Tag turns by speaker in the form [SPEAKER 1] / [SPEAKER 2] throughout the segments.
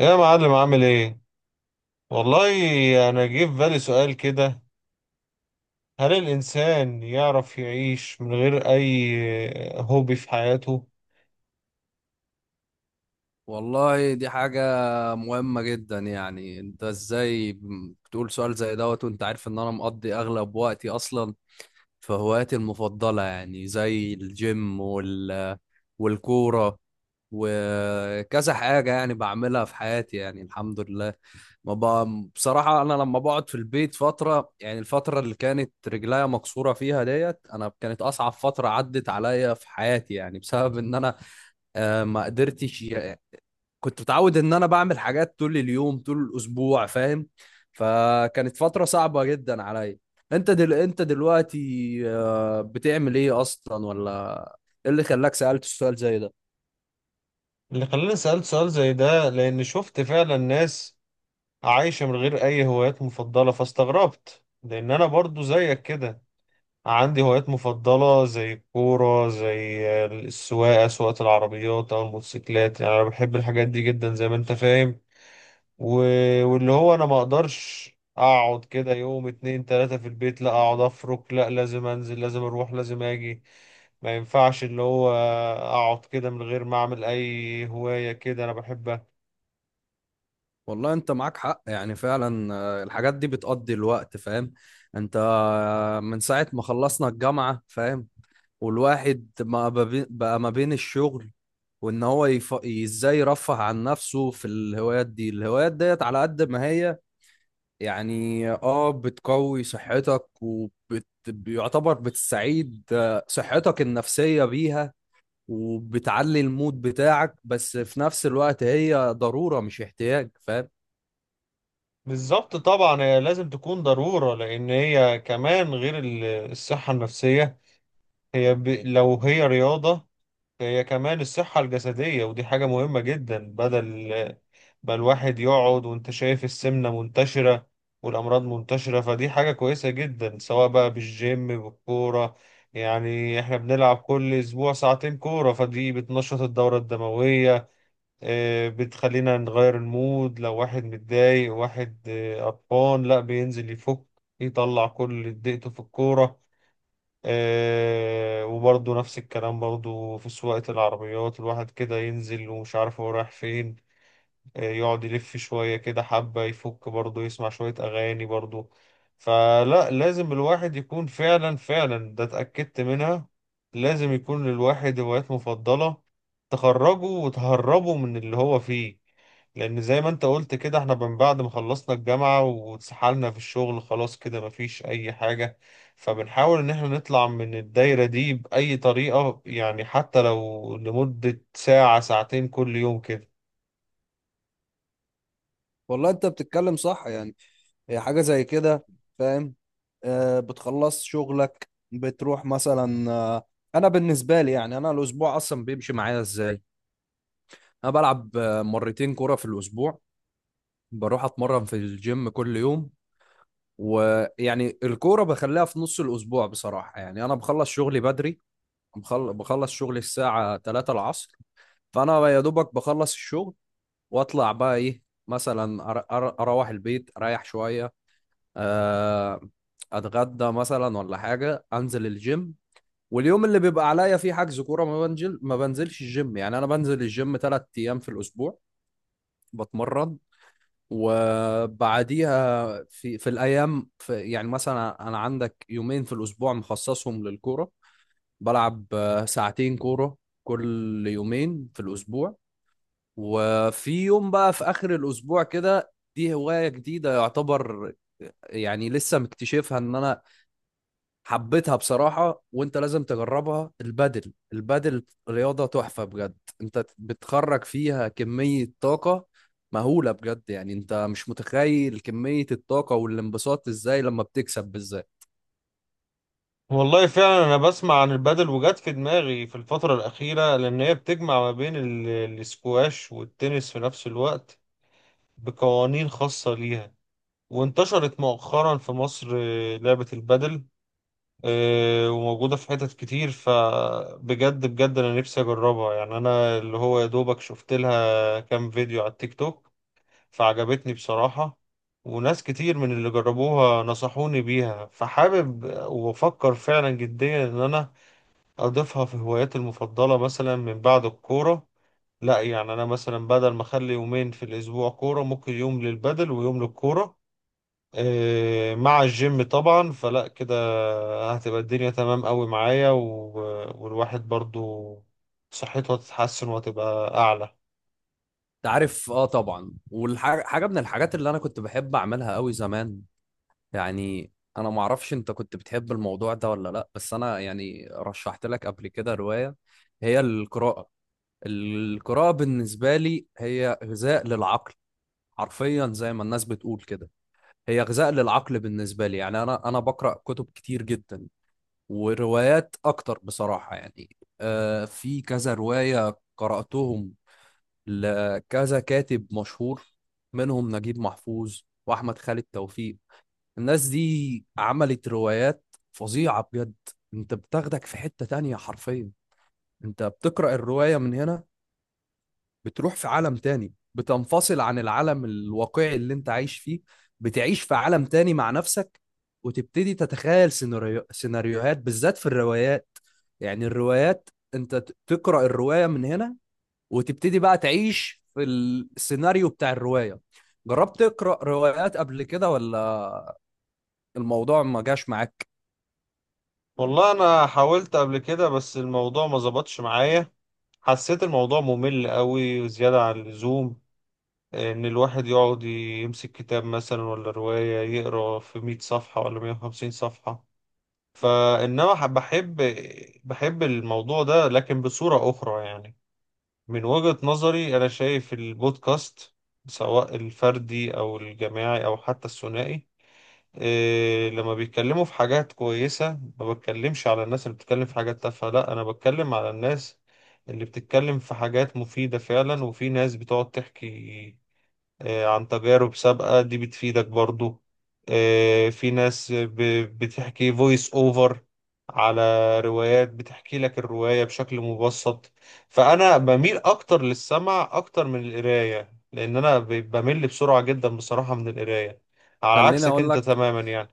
[SPEAKER 1] يا معلم عامل ايه؟ والله انا جه في بالي سؤال كده. هل الانسان يعرف يعيش من غير اي هوبي في حياته؟
[SPEAKER 2] والله دي حاجة مهمة جدا. يعني انت ازاي بتقول سؤال زي دوت وانت عارف ان انا مقضي اغلب وقتي اصلا في هواياتي المفضلة، يعني زي الجيم والكورة وكذا حاجة يعني بعملها في حياتي، يعني الحمد لله. ما ب... بصراحة أنا لما بقعد في البيت فترة، يعني الفترة اللي كانت رجليا مكسورة فيها ديت أنا، كانت أصعب فترة عدت عليا في حياتي، يعني بسبب إن أنا ما قدرتش. كنت متعود ان انا بعمل حاجات طول اليوم طول الاسبوع، فاهم؟ فكانت فترة صعبة جدا عليا. انت دلوقتي بتعمل ايه اصلا؟ ولا ايه اللي خلاك سألت السؤال زي ده؟
[SPEAKER 1] اللي خلاني سألت سؤال زي ده لان شفت فعلا ناس عايشة من غير اي هوايات مفضلة، فاستغربت لان انا برضو زيك كده عندي هوايات مفضلة زي الكورة، زي السواقة، سواقة العربيات او الموتوسيكلات. يعني انا بحب الحاجات دي جدا زي ما انت فاهم. واللي هو انا ما اقدرش اقعد كده يوم اتنين تلاتة في البيت، لا اقعد افرك، لا لازم انزل، لازم اروح، لازم اجي. ما ينفعش اللي هو اقعد كده من غير ما اعمل اي هواية كده انا بحبها.
[SPEAKER 2] والله انت معاك حق يعني فعلا، الحاجات دي بتقضي الوقت، فاهم؟ انت من ساعة ما خلصنا الجامعة، فاهم؟ والواحد ما ببي- بقى ما بين الشغل ازاي يرفه عن نفسه في الهوايات دي. الهوايات ديت على قد ما هي يعني اه بتقوي صحتك، وبيعتبر بتستعيد صحتك النفسية بيها، وبتعلي المود بتاعك، بس في نفس الوقت هي ضرورة مش احتياج، فاهم؟
[SPEAKER 1] بالظبط طبعا، هي لازم تكون ضرورة، لان هي كمان غير الصحة النفسية، هي ب... لو هي رياضة هي كمان الصحة الجسدية، ودي حاجة مهمة جدا بدل بقى الواحد يقعد. وانت شايف السمنة منتشرة والأمراض منتشرة، فدي حاجة كويسة جدا سواء بقى بالجيم بالكورة. يعني احنا بنلعب كل أسبوع ساعتين كورة، فدي بتنشط الدورة الدموية، بتخلينا نغير المود. لو واحد متضايق، واحد قرفان، لا بينزل يفك يطلع كل اللي اتضايقته في الكورة. وبرضه نفس الكلام برضه في سواقة العربيات، الواحد كده ينزل ومش عارف هو رايح فين، يقعد يلف شوية كده حبة يفك، برضه يسمع شوية أغاني برضه. فلا، لازم الواحد يكون فعلا، فعلا ده اتأكدت منها، لازم يكون للواحد هوايات مفضلة تخرجه وتهربه من اللي هو فيه. لأن زي ما انت قلت كده، احنا من بعد ما خلصنا الجامعة واتسحلنا في الشغل خلاص كده مفيش أي حاجة، فبنحاول إن احنا نطلع من الدايرة دي بأي طريقة، يعني حتى لو لمدة ساعة ساعتين كل يوم كده.
[SPEAKER 2] والله انت بتتكلم صح يعني، هي حاجة زي كده، فاهم؟ آه، بتخلص شغلك بتروح مثلا آه، انا بالنسبة لي يعني، انا الاسبوع اصلا بيمشي معايا ازاي؟ انا بلعب مرتين كرة في الاسبوع، بروح اتمرن في الجيم كل يوم. ويعني الكورة بخليها في نص الأسبوع. بصراحة يعني أنا بخلص شغلي بدري، بخلص شغلي الساعة 3 العصر، فأنا يا دوبك بخلص الشغل وأطلع بقى إيه، مثلا أروح البيت أريح شوية، آه، أتغدى مثلا ولا حاجة، أنزل الجيم. واليوم اللي بيبقى عليا فيه حجز كورة ما بنزلش الجيم. يعني أنا بنزل الجيم 3 أيام في الأسبوع بتمرن، وبعديها في الايام في، يعني مثلا انا عندك 2 يوم في الاسبوع مخصصهم للكوره، بلعب 2 ساعة كوره كل 2 يوم في الاسبوع. وفي يوم بقى في اخر الاسبوع كده، دي هوايه جديده يعتبر، يعني لسه مكتشفها ان انا حبيتها بصراحة، وانت لازم تجربها. البادل، البادل رياضة تحفة بجد، انت بتخرج فيها كمية طاقة مهولة بجد. يعني انت مش متخيل كمية الطاقة والانبساط ازاي لما بتكسب بالذات.
[SPEAKER 1] والله فعلا انا بسمع عن البادل، وجات في دماغي في الفترة الأخيرة لأن هي بتجمع ما بين الاسكواش والتنس في نفس الوقت بقوانين خاصة ليها، وانتشرت مؤخرا في مصر لعبة البادل، وموجودة في حتت كتير. فبجد بجد أنا نفسي أجربها، يعني أنا اللي هو يا دوبك شفت لها كام فيديو على التيك توك فعجبتني بصراحة، وناس كتير من اللي جربوها نصحوني بيها، فحابب وأفكر فعلا جديا إن أنا أضيفها في هواياتي المفضلة مثلا من بعد الكورة. لا يعني أنا مثلا بدل ما أخلي يومين في الأسبوع كورة، ممكن يوم للبدل ويوم للكورة، مع الجيم طبعا. فلا كده هتبقى الدنيا تمام قوي معايا، والواحد برضو صحته هتتحسن وهتبقى أعلى.
[SPEAKER 2] انت عارف اه طبعا، والحاجة من الحاجات اللي انا كنت بحب اعملها قوي زمان يعني، انا معرفش انت كنت بتحب الموضوع ده ولا لا، بس انا يعني رشحت لك قبل كده رواية، هي القراءة. القراءة بالنسبة لي هي غذاء للعقل، حرفيا زي ما الناس بتقول كده، هي غذاء للعقل. بالنسبة لي يعني، أنا بقرأ كتب كتير جدا وروايات أكتر بصراحة. يعني آه، في كذا رواية قرأتهم لكذا كاتب مشهور، منهم نجيب محفوظ وأحمد خالد توفيق. الناس دي عملت روايات فظيعة بجد. أنت بتاخدك في حتة تانية حرفيا، أنت بتقرأ الرواية من هنا، بتروح في عالم تاني، بتنفصل عن العالم الواقعي اللي انت عايش فيه، بتعيش في عالم تاني مع نفسك، وتبتدي تتخيل سيناريوهات، بالذات في الروايات. يعني الروايات انت تقرأ الرواية من هنا، وتبتدي بقى تعيش في السيناريو بتاع الرواية. جربت تقرأ روايات قبل كده ولا الموضوع ما جاش معاك؟
[SPEAKER 1] والله أنا حاولت قبل كده بس الموضوع ما ظبطش معايا، حسيت الموضوع ممل قوي وزيادة عن اللزوم ان الواحد يقعد يمسك كتاب مثلا ولا رواية يقرا في 100 صفحة ولا 150 صفحة. فانما بحب الموضوع ده لكن بصورة اخرى. يعني من وجهة نظري انا شايف البودكاست، سواء الفردي او الجماعي او حتى الثنائي، إيه لما بيتكلموا في حاجات كويسة. ما بتكلمش على الناس اللي بتتكلم في حاجات تافهة، لا انا بتكلم على الناس اللي بتتكلم في حاجات مفيدة فعلا. وفي ناس بتقعد تحكي عن تجارب سابقة، دي بتفيدك برضو. في ناس بتحكي فويس اوفر على روايات، بتحكي لك الرواية بشكل مبسط. فأنا بميل أكتر للسمع أكتر من القراية، لأن أنا بمل بسرعة جدا بصراحة من القراية، على
[SPEAKER 2] خليني
[SPEAKER 1] عكسك
[SPEAKER 2] اقول
[SPEAKER 1] أنت
[SPEAKER 2] لك
[SPEAKER 1] تماما يعني.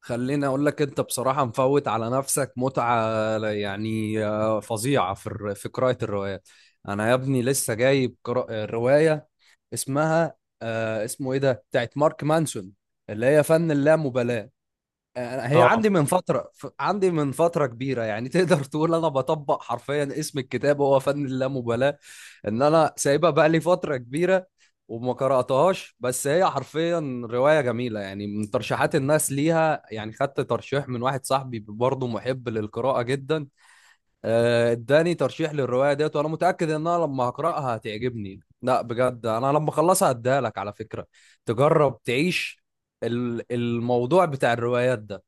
[SPEAKER 2] خليني اقول لك، انت بصراحه مفوت على نفسك متعه يعني فظيعه في في قراءه الروايات. انا يا ابني لسه جايب روايه، اسمها آه، اسمه ايه ده بتاعت مارك مانسون، اللي هي فن اللامبالاه. هي عندي
[SPEAKER 1] آه
[SPEAKER 2] من فتره، عندي من فتره كبيره يعني. تقدر تقول انا بطبق حرفيا اسم الكتاب، هو فن اللامبالاه، ان انا سايبها بقى لي فتره كبيره وما قراتهاش. بس هي حرفيا روايه جميله يعني، من ترشيحات الناس ليها، يعني خدت ترشيح من واحد صاحبي برضه محب للقراءه جدا، اداني ترشيح للروايه ديت، وانا متاكد ان انا لما هقراها هتعجبني. لا بجد، انا لما اخلصها هديها لك على فكره، تجرب تعيش الموضوع بتاع الروايات ده.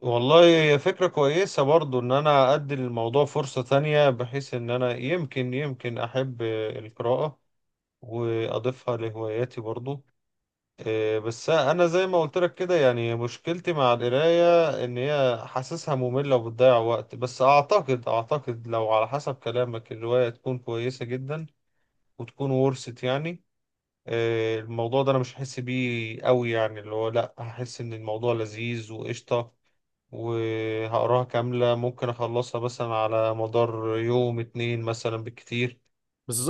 [SPEAKER 1] والله فكرة كويسة برضو إن أنا أدي للموضوع فرصة تانية، بحيث إن أنا يمكن يمكن أحب القراءة وأضيفها لهواياتي برضو. إيه، بس انا زي ما قلت لك كده يعني مشكلتي مع القرايه ان هي حاسسها ممله وبتضيع وقت. بس اعتقد اعتقد لو على حسب كلامك الروايه تكون كويسه جدا وتكون ورثت يعني إيه، الموضوع ده انا مش هحس بيه قوي. يعني اللي هو لا، هحس ان الموضوع لذيذ وقشطه وهقراها كاملة، ممكن أخلصها مثلا على مدار يوم اتنين مثلا بالكتير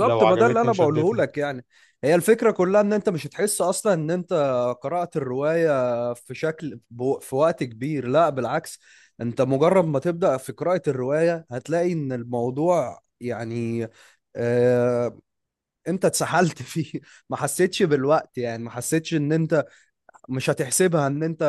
[SPEAKER 1] لو
[SPEAKER 2] ما ده اللي
[SPEAKER 1] عجبتني
[SPEAKER 2] انا بقوله
[SPEAKER 1] وشدتني.
[SPEAKER 2] لك يعني، هي الفكره كلها ان انت مش هتحس اصلا ان انت قرات الروايه في شكل في وقت كبير. لا بالعكس، انت مجرد ما تبدا في قراءه الروايه هتلاقي ان الموضوع يعني آه، انت اتسحلت فيه، ما حسيتش بالوقت. يعني ما حسيتش ان انت مش هتحسبها ان انت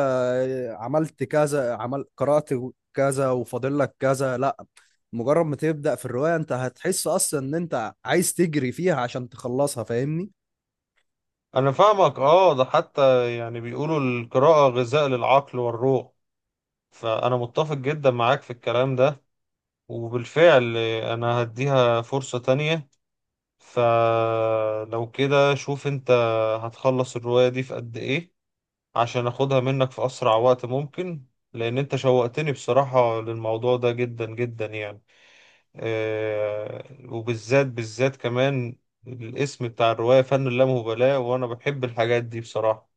[SPEAKER 2] عملت كذا، عمل قرأت كذا وفاضل لك كذا. لا مجرد ما تبدأ في الرواية انت هتحس اصلا ان انت عايز تجري فيها عشان تخلصها، فاهمني؟
[SPEAKER 1] انا فاهمك اه، ده حتى يعني بيقولوا القراءة غذاء للعقل والروح، فانا متفق جدا معاك في الكلام ده، وبالفعل انا هديها فرصة تانية. فلو كده شوف انت هتخلص الرواية دي في قد ايه عشان اخدها منك في اسرع وقت ممكن، لان انت شوقتني بصراحة للموضوع ده جدا جدا يعني. وبالذات بالذات كمان الاسم بتاع الرواية فن اللامبالاة، وانا بحب الحاجات دي بصراحة.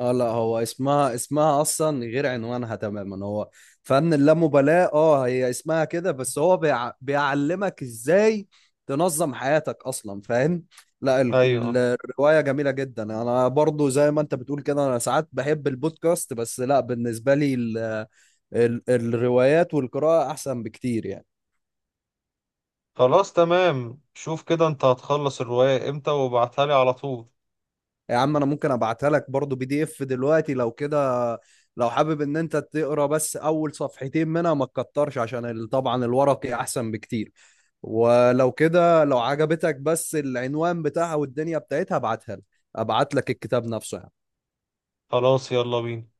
[SPEAKER 2] اه لا، هو اسمها، اسمها اصلا غير عنوانها تماما. هو فن اللامبالاة، اه هي اسمها كده، بس هو بيعلمك ازاي تنظم حياتك اصلا، فاهم؟ لا
[SPEAKER 1] ايوه
[SPEAKER 2] الرواية جميلة جدا. انا برضو زي ما انت بتقول كده، انا ساعات بحب البودكاست، بس لا بالنسبة لي الروايات والقراءة احسن بكتير يعني.
[SPEAKER 1] خلاص تمام، شوف كده انت هتخلص الرواية امتى وابعتها لي على طول.
[SPEAKER 2] يا عم انا ممكن ابعتها لك برضو PDF دلوقتي لو كده، لو حابب ان انت تقرا بس اول 2 صفحة منها ما تكترش، عشان طبعا الورقي احسن بكتير. ولو كده لو عجبتك بس العنوان بتاعها والدنيا بتاعتها، ابعتها لك، ابعت لك الكتاب نفسه يعني.
[SPEAKER 1] خلاص يلا بينا.